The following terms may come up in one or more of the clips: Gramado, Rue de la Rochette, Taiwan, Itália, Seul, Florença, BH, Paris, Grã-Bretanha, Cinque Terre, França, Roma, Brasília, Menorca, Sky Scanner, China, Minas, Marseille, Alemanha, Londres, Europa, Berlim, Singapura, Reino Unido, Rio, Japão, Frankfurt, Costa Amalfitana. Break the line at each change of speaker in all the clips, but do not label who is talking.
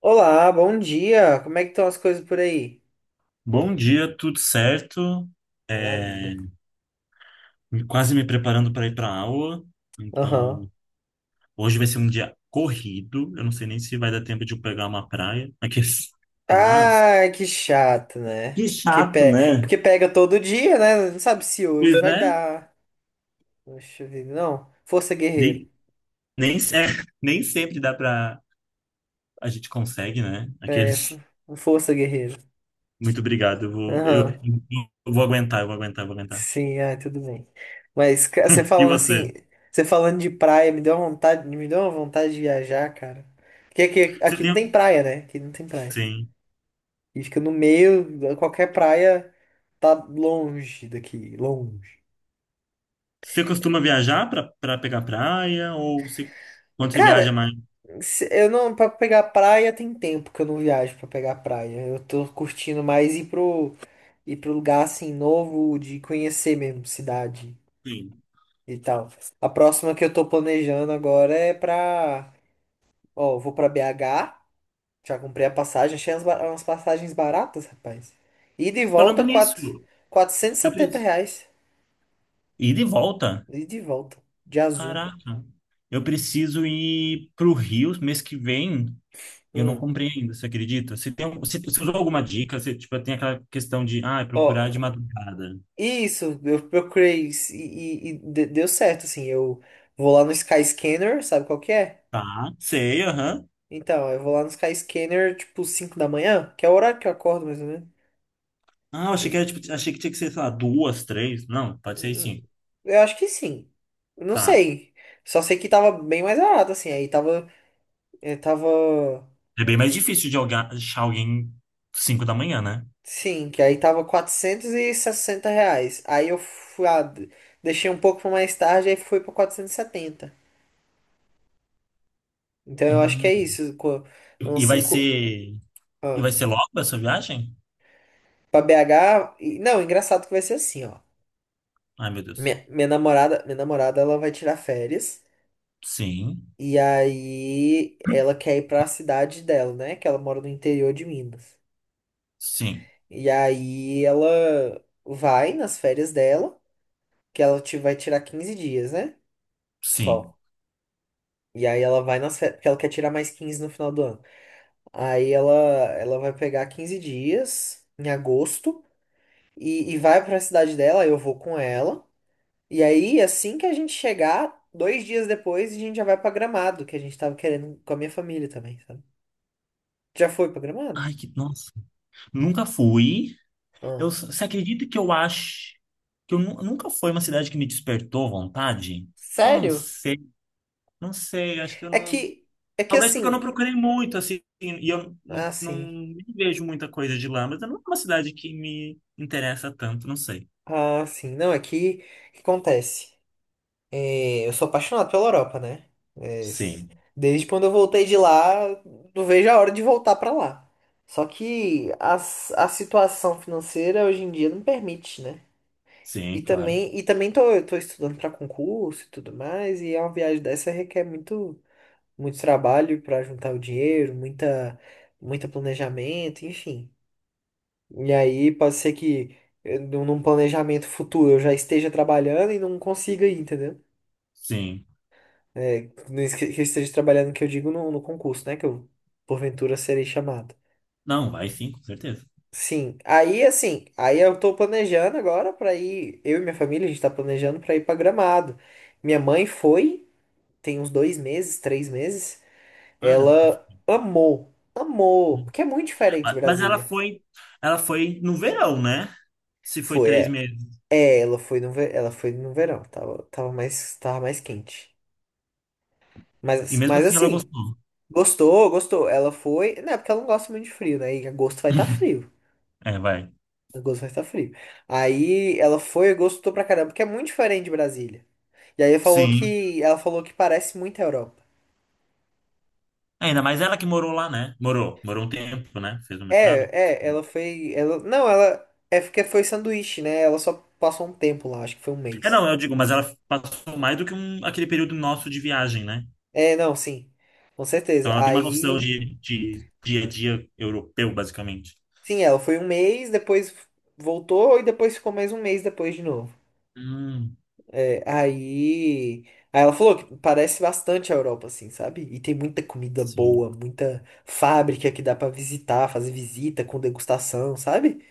Olá, bom dia. Como é que estão as coisas por aí?
Bom dia, tudo certo? É,
Maravilha.
quase me preparando para ir para a aula.
Aham.
Então, hoje vai ser um dia corrido. Eu não sei nem se vai dar tempo de eu pegar uma praia. Aqui, mas
Ah, que chato, né?
que chato, né?
Porque pega todo dia, né? Não sabe se
Pois
hoje vai
é.
dar. Poxa vida, não. Força guerreiro.
Nem, nem, nem sempre dá para a gente consegue, né?
É, fo-
Aqueles.
força guerreiro.
Muito obrigado. Eu vou, eu,
Aham.
eu vou aguentar, eu vou aguentar, eu vou aguentar.
Sim, ah, tudo bem. Mas você
E
falando assim,
você?
você falando de praia, me deu uma vontade, me deu uma vontade de viajar, cara. Porque aqui,
Você
aqui não tem
tem,
praia, né? Aqui não tem praia.
sim.
E fica no meio, qualquer praia tá longe daqui, longe.
Você costuma viajar para pegar praia ou você, quando você viaja
Cara,
mais?
eu não, pra pegar praia tem tempo que eu não viajo pra pegar praia. Eu tô curtindo mais ir ir pro lugar assim novo, de conhecer mesmo cidade
Sim.
e tal. A próxima que eu tô planejando agora é pra. Ó, eu vou pra BH, já comprei a passagem, achei umas passagens baratas, rapaz. Ida e
Falando
volta,
nisso,
quatrocentos e
eu
setenta
preciso
reais.
ir de volta.
Ida e volta, de azul.
Caraca. Eu preciso ir pro Rio mês que vem. E eu não
Hum.
comprei ainda, você acredita? Você usou alguma dica? Você, tipo, tem aquela questão de, é procurar de
Ó,
madrugada.
isso, eu procurei isso e deu certo, assim, eu vou lá no Sky Scanner, sabe qual que é?
Tá, sei, aham.
Então, eu vou lá no Sky Scanner, tipo, 5 da manhã, que é o horário que eu acordo, mais ou menos.
Ah, eu achei que era,
E,
tipo, achei que tinha que ser, sei lá, duas, três. Não, pode ser
hum,
sim.
eu acho que sim. Eu não
Tá.
sei. Só sei que tava bem mais barato, assim, aí tava, eh, tava,
É bem mais difícil de achar alguém 5 da manhã, né?
sim, que aí tava R$ 460. Aí eu fui, deixei um pouco pra mais tarde, aí foi pra 470. Então eu acho que é
Hum.
isso, uns
E vai
cinco.
ser, e vai ser logo essa viagem?
Pra BH. Não, engraçado que vai ser assim, ó.
Ai, meu Deus.
Minha namorada, ela vai tirar férias.
Sim,
E aí ela quer ir pra cidade dela, né? Que ela mora no interior de Minas.
sim,
E aí ela vai nas férias dela, que ela vai tirar 15 dias, né?
sim.
Só. E aí ela vai nas férias, porque ela quer tirar mais 15 no final do ano. Aí ela, ela vai pegar 15 dias em agosto e vai pra cidade dela, eu vou com ela. E aí, assim que a gente chegar, dois dias depois, a gente já vai pra Gramado, que a gente tava querendo com a minha família também, sabe? Já foi pra Gramado?
Ai, que nossa. Nunca fui.
Ah.
Você acredita que eu acho que nunca foi uma cidade que me despertou vontade? Eu não
Sério?
sei. Não sei, acho que eu
É
não.
que, é que
Talvez porque eu não
assim,
procurei muito, assim, e eu
ah,
não,
sim,
nem vejo muita coisa de lá, mas não é uma cidade que me interessa tanto, não sei.
ah, sim, não, é que, o que acontece? É, eu sou apaixonado pela Europa, né? É, s-
Sim,
desde quando eu voltei de lá, não vejo a hora de voltar pra lá. Só que a situação financeira hoje em dia não permite, né? E
sim, claro.
também, eu tô estudando para concurso e tudo mais, e é uma viagem dessa requer muito, muito trabalho para juntar o dinheiro, muita, muita planejamento, enfim. E aí pode ser que num planejamento futuro eu já esteja trabalhando e não consiga ir, entendeu?
Sim.
É, não es- que eu esteja trabalhando, que eu digo no concurso, né? Que eu porventura serei chamado.
Não, vai sim, com certeza.
Sim, aí assim, aí eu tô planejando agora para ir, eu e minha família, a gente tá planejando para ir para Gramado. Minha mãe foi. Tem uns dois meses, três meses,
Ah, ela tá-
ela amou, amou, porque é muito diferente de
Ah, mas ela
Brasília.
foi, ela foi no verão, né? Se foi
Foi,
três
é,
meses.
é, ela foi no, ela foi no verão, tava mais quente.
E
Mas,
mesmo
mas
assim ela
assim,
gostou.
gostou, gostou. Ela foi, né? Porque ela não gosta muito de frio, né? E agosto vai estar frio.
É, vai.
Agosto vai estar frio. Aí ela foi e gostou pra caramba, porque é muito diferente de Brasília. E aí falou
Sim.
ela falou que parece muito a Europa.
É, ainda mais ela que morou lá, né? Morou, morou um tempo, né? Fez um mestrado.
É, é, ela foi. Ela, não, ela. É porque foi sanduíche, né? Ela só passou um tempo lá, acho que foi um
É,
mês.
não, eu digo, mas ela passou mais do que um, aquele período nosso de viagem, né?
É, não, sim. Com
Então
certeza.
ela tem uma noção
Aí.
de dia a dia europeu, basicamente.
Sim, ela foi um mês, depois voltou e depois ficou mais um mês depois de novo.
Hum,
É, aí. Aí ela falou que parece bastante a Europa, assim, sabe? E tem muita comida
sim,
boa, muita fábrica que dá pra visitar, fazer visita com degustação, sabe?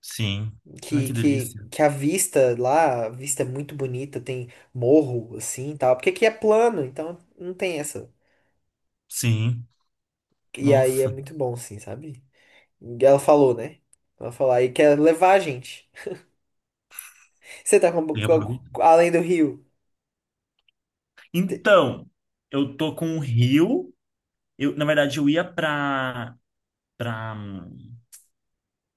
sim. Ai,
que,
que
que,
delícia.
que a vista lá, a vista é muito bonita, tem morro, assim, e tal. Porque aqui é plano, então não tem essa.
Sim,
E aí é
nossa.
muito bom, assim, sabe? E ela falou, né? Ela falou, aí quer levar a gente. Você tá
E aproveita.
com- além do rio. Te-
Então, eu tô com o Rio. Eu, na verdade, eu ia pra,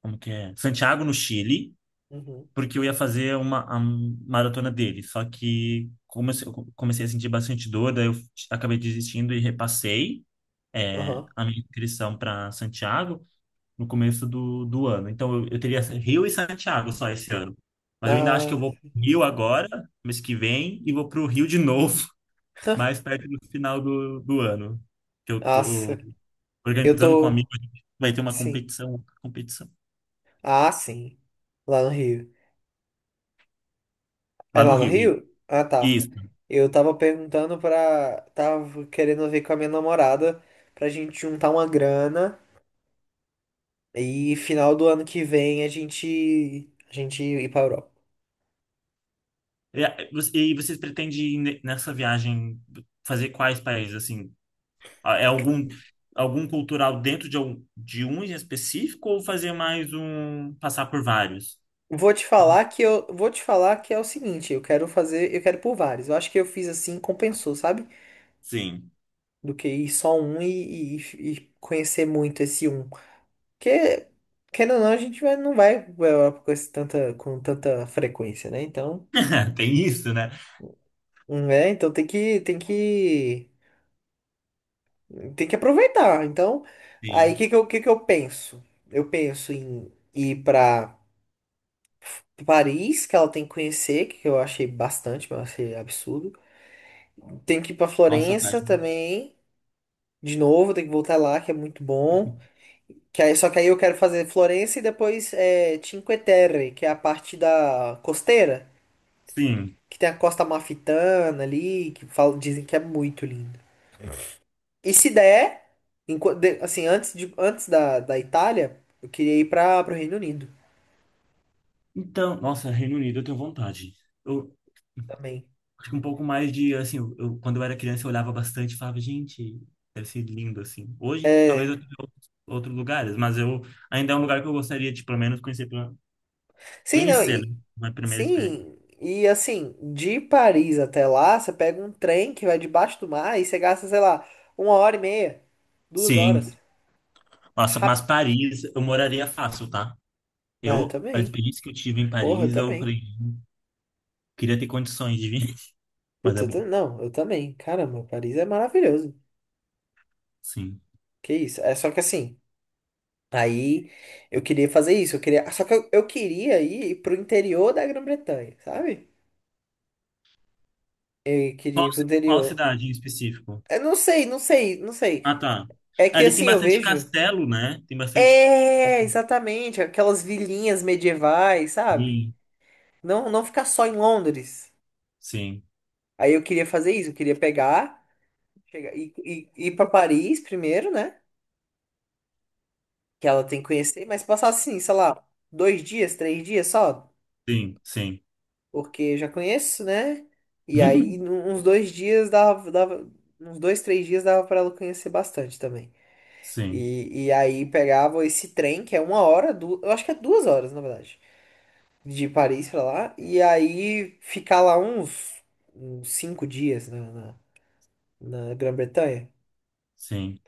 como que é? Santiago, no Chile.
Uhum,
Porque eu ia fazer uma a maratona dele. Só que comecei a sentir bastante dor, daí eu acabei desistindo e repassei
aham.
a minha inscrição para Santiago no começo do ano. Então eu teria Rio e Santiago só esse ano. Mas eu ainda acho que eu
Ah,
vou pro Rio agora, mês que vem, e vou para o Rio de novo, mais perto do final do ano. Que eu
nossa.
tô
Eu
organizando com um
tô...
amigo, vai ter uma
Sim.
competição
Ah, sim. Lá no Rio. É
lá no
lá no
Rio.
Rio? Ah, tá.
Isso.
Eu tava perguntando pra... Tava querendo ver com a minha namorada pra gente juntar uma grana. E final do ano que vem a gente ir para Europa.
E e vocês pretendem nessa viagem fazer quais países? Assim, ah, é algum cultural dentro de um em específico ou fazer mais um passar por vários?
Vou te
Como-
falar que eu vou te falar que é o seguinte, eu quero fazer, eu quero por vários. Eu acho que eu fiz assim, compensou, sabe?
Sim,
Do que ir só um e conhecer muito esse um. Porque querendo ou não, a gente não vai para Europa com esse tanta frequência, né? Então,
tem isso, né?
né? Então tem que aproveitar. Então, aí
Sim.
que eu penso? Eu penso em ir para Paris, que ela tem que conhecer, que eu achei bastante, mas eu achei absurdo. Tem que ir pra
Nossa,
Florença
página.
também, de novo, tem que voltar lá, que é muito bom. Só que aí eu quero fazer Florença e depois é, Cinque Terre, que é a parte da costeira,
Sim.
que tem a Costa Amalfitana ali, que falam, dizem que é muito lindo. E se der, antes da Itália, eu queria ir para o Reino Unido
Então, nossa, Reino Unido, eu tenho vontade. Eu
também.
acho que um pouco mais de, assim, eu, quando eu era criança, eu olhava bastante e falava, gente, deve ser lindo, assim. Hoje, talvez
É.
outros lugares, mas eu ainda é um lugar que eu gostaria de, pelo menos, conhecer.
Sim, não,
Conhecer, né?
e,
Foi a primeira experiência.
sim, e assim, de Paris até lá, você pega um trem que vai debaixo do mar e você gasta, sei lá, uma hora e meia, duas horas.
Sim. Nossa, mas
Rap...
Paris eu moraria fácil, tá?
Ah, eu
Eu, a
também.
experiência que eu tive em
Porra, eu
Paris, eu
também.
falei, queria ter condições de vir, mas é bom.
Não, eu também. Caramba, Paris é maravilhoso.
Sim.
Que isso? É só que assim, aí eu queria fazer isso, eu queria. Só que eu queria ir pro interior da Grã-Bretanha, sabe? Eu queria ir pro
Qual
interior.
cidade em específico?
Eu não sei, não sei, não sei.
Ah, tá.
É que
Ali tem
assim, eu
bastante
vejo.
castelo, né? Tem bastante.
É, exatamente, aquelas vilinhas medievais, sabe?
Sim,
Não, não ficar só em Londres.
sim,
Aí eu queria fazer isso, eu queria chegar, ir para Paris primeiro, né? Que ela tem que conhecer, mas passar assim, sei lá, dois dias, três dias só,
sim. Sim,
porque já conheço, né? E aí uns dois dias dava, uns dois, três dias dava para ela conhecer bastante também.
sim,
E aí pegava esse trem, que é uma hora, eu acho que é duas horas, na verdade. De Paris pra lá, e aí ficar lá uns, uns cinco dias na, na, na Grã-Bretanha.
sim.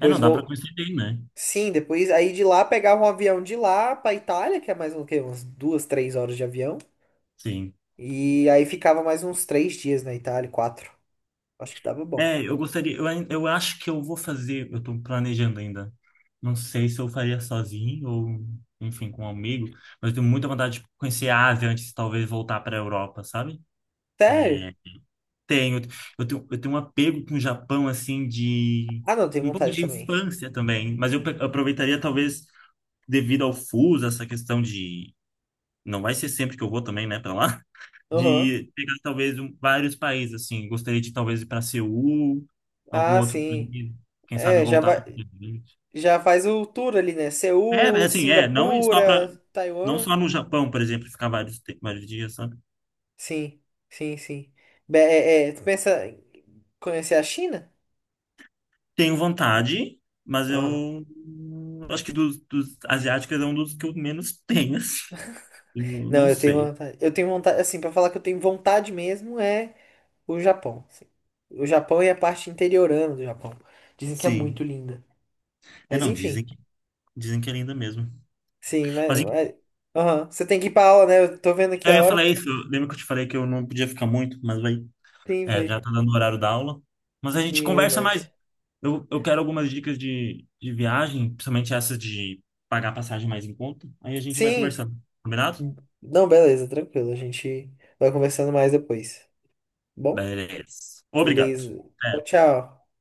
É, não dá pra
vou.
conhecer bem, né?
Sim, depois aí de lá pegava um avião de lá pra Itália, que é mais um, o quê? Umas duas, três horas de avião.
Sim.
E aí ficava mais uns três dias na Itália, quatro. Acho que dava bom.
É, eu gostaria, eu acho que eu vou fazer, eu tô planejando ainda. Não sei se eu faria sozinho ou, enfim, com um amigo, mas eu tenho muita vontade de conhecer a Ásia antes de talvez voltar para a Europa, sabe?
Sério?
Tenho, eu tenho um apego com o Japão, assim, de
Ah, não, tem
um pouco
vontade
de
também.
infância também, mas aproveitaria talvez devido ao fuso, essa questão de não vai ser sempre que eu vou também, né, para lá,
Aham.
de pegar talvez vários países, assim, gostaria de talvez ir para Seul, algum
Ah,
outro
sim.
país, quem sabe
É, já
voltar para.
vai, já faz o tour ali, né?
É, é
Seul,
assim, não ir só para
Singapura,
não
Taiwan.
só no Japão, por exemplo, ficar vários dias, sabe?
Sim, sim, sim. É, é, tu pensa em conhecer a China?
Tenho vontade, mas
Aham.
eu acho que dos asiáticos é um dos que eu menos tenho, assim. Eu
Não,
não
eu tenho
sei.
vontade. Eu tenho vontade, assim, pra falar que eu tenho vontade mesmo é o Japão. Assim. O Japão e a parte interiorana do Japão. Dizem que é muito
Sim.
linda.
É,
Mas
não, dizem
enfim,
que dizem que é linda mesmo.
sim, mas.
Mas em-
Mas- Aham. Você tem que ir pra aula, né? Eu tô vendo aqui
eu
a
ia falar
hora.
isso, lembra que eu te falei que eu não podia ficar muito, mas vai.
Sim,
É,
foi.
já tá dando o horário da aula. Mas a gente
Sim,
conversa mais.
verdade.
Eu quero algumas dicas de viagem, principalmente essas de pagar passagem mais em conta. Aí a gente vai
Sim.
conversando. Combinado?
Não, beleza, tranquilo. A gente vai conversando mais depois. Bom?
Beleza. Obrigado.
Beleza. Tchau,
Até.
tchau.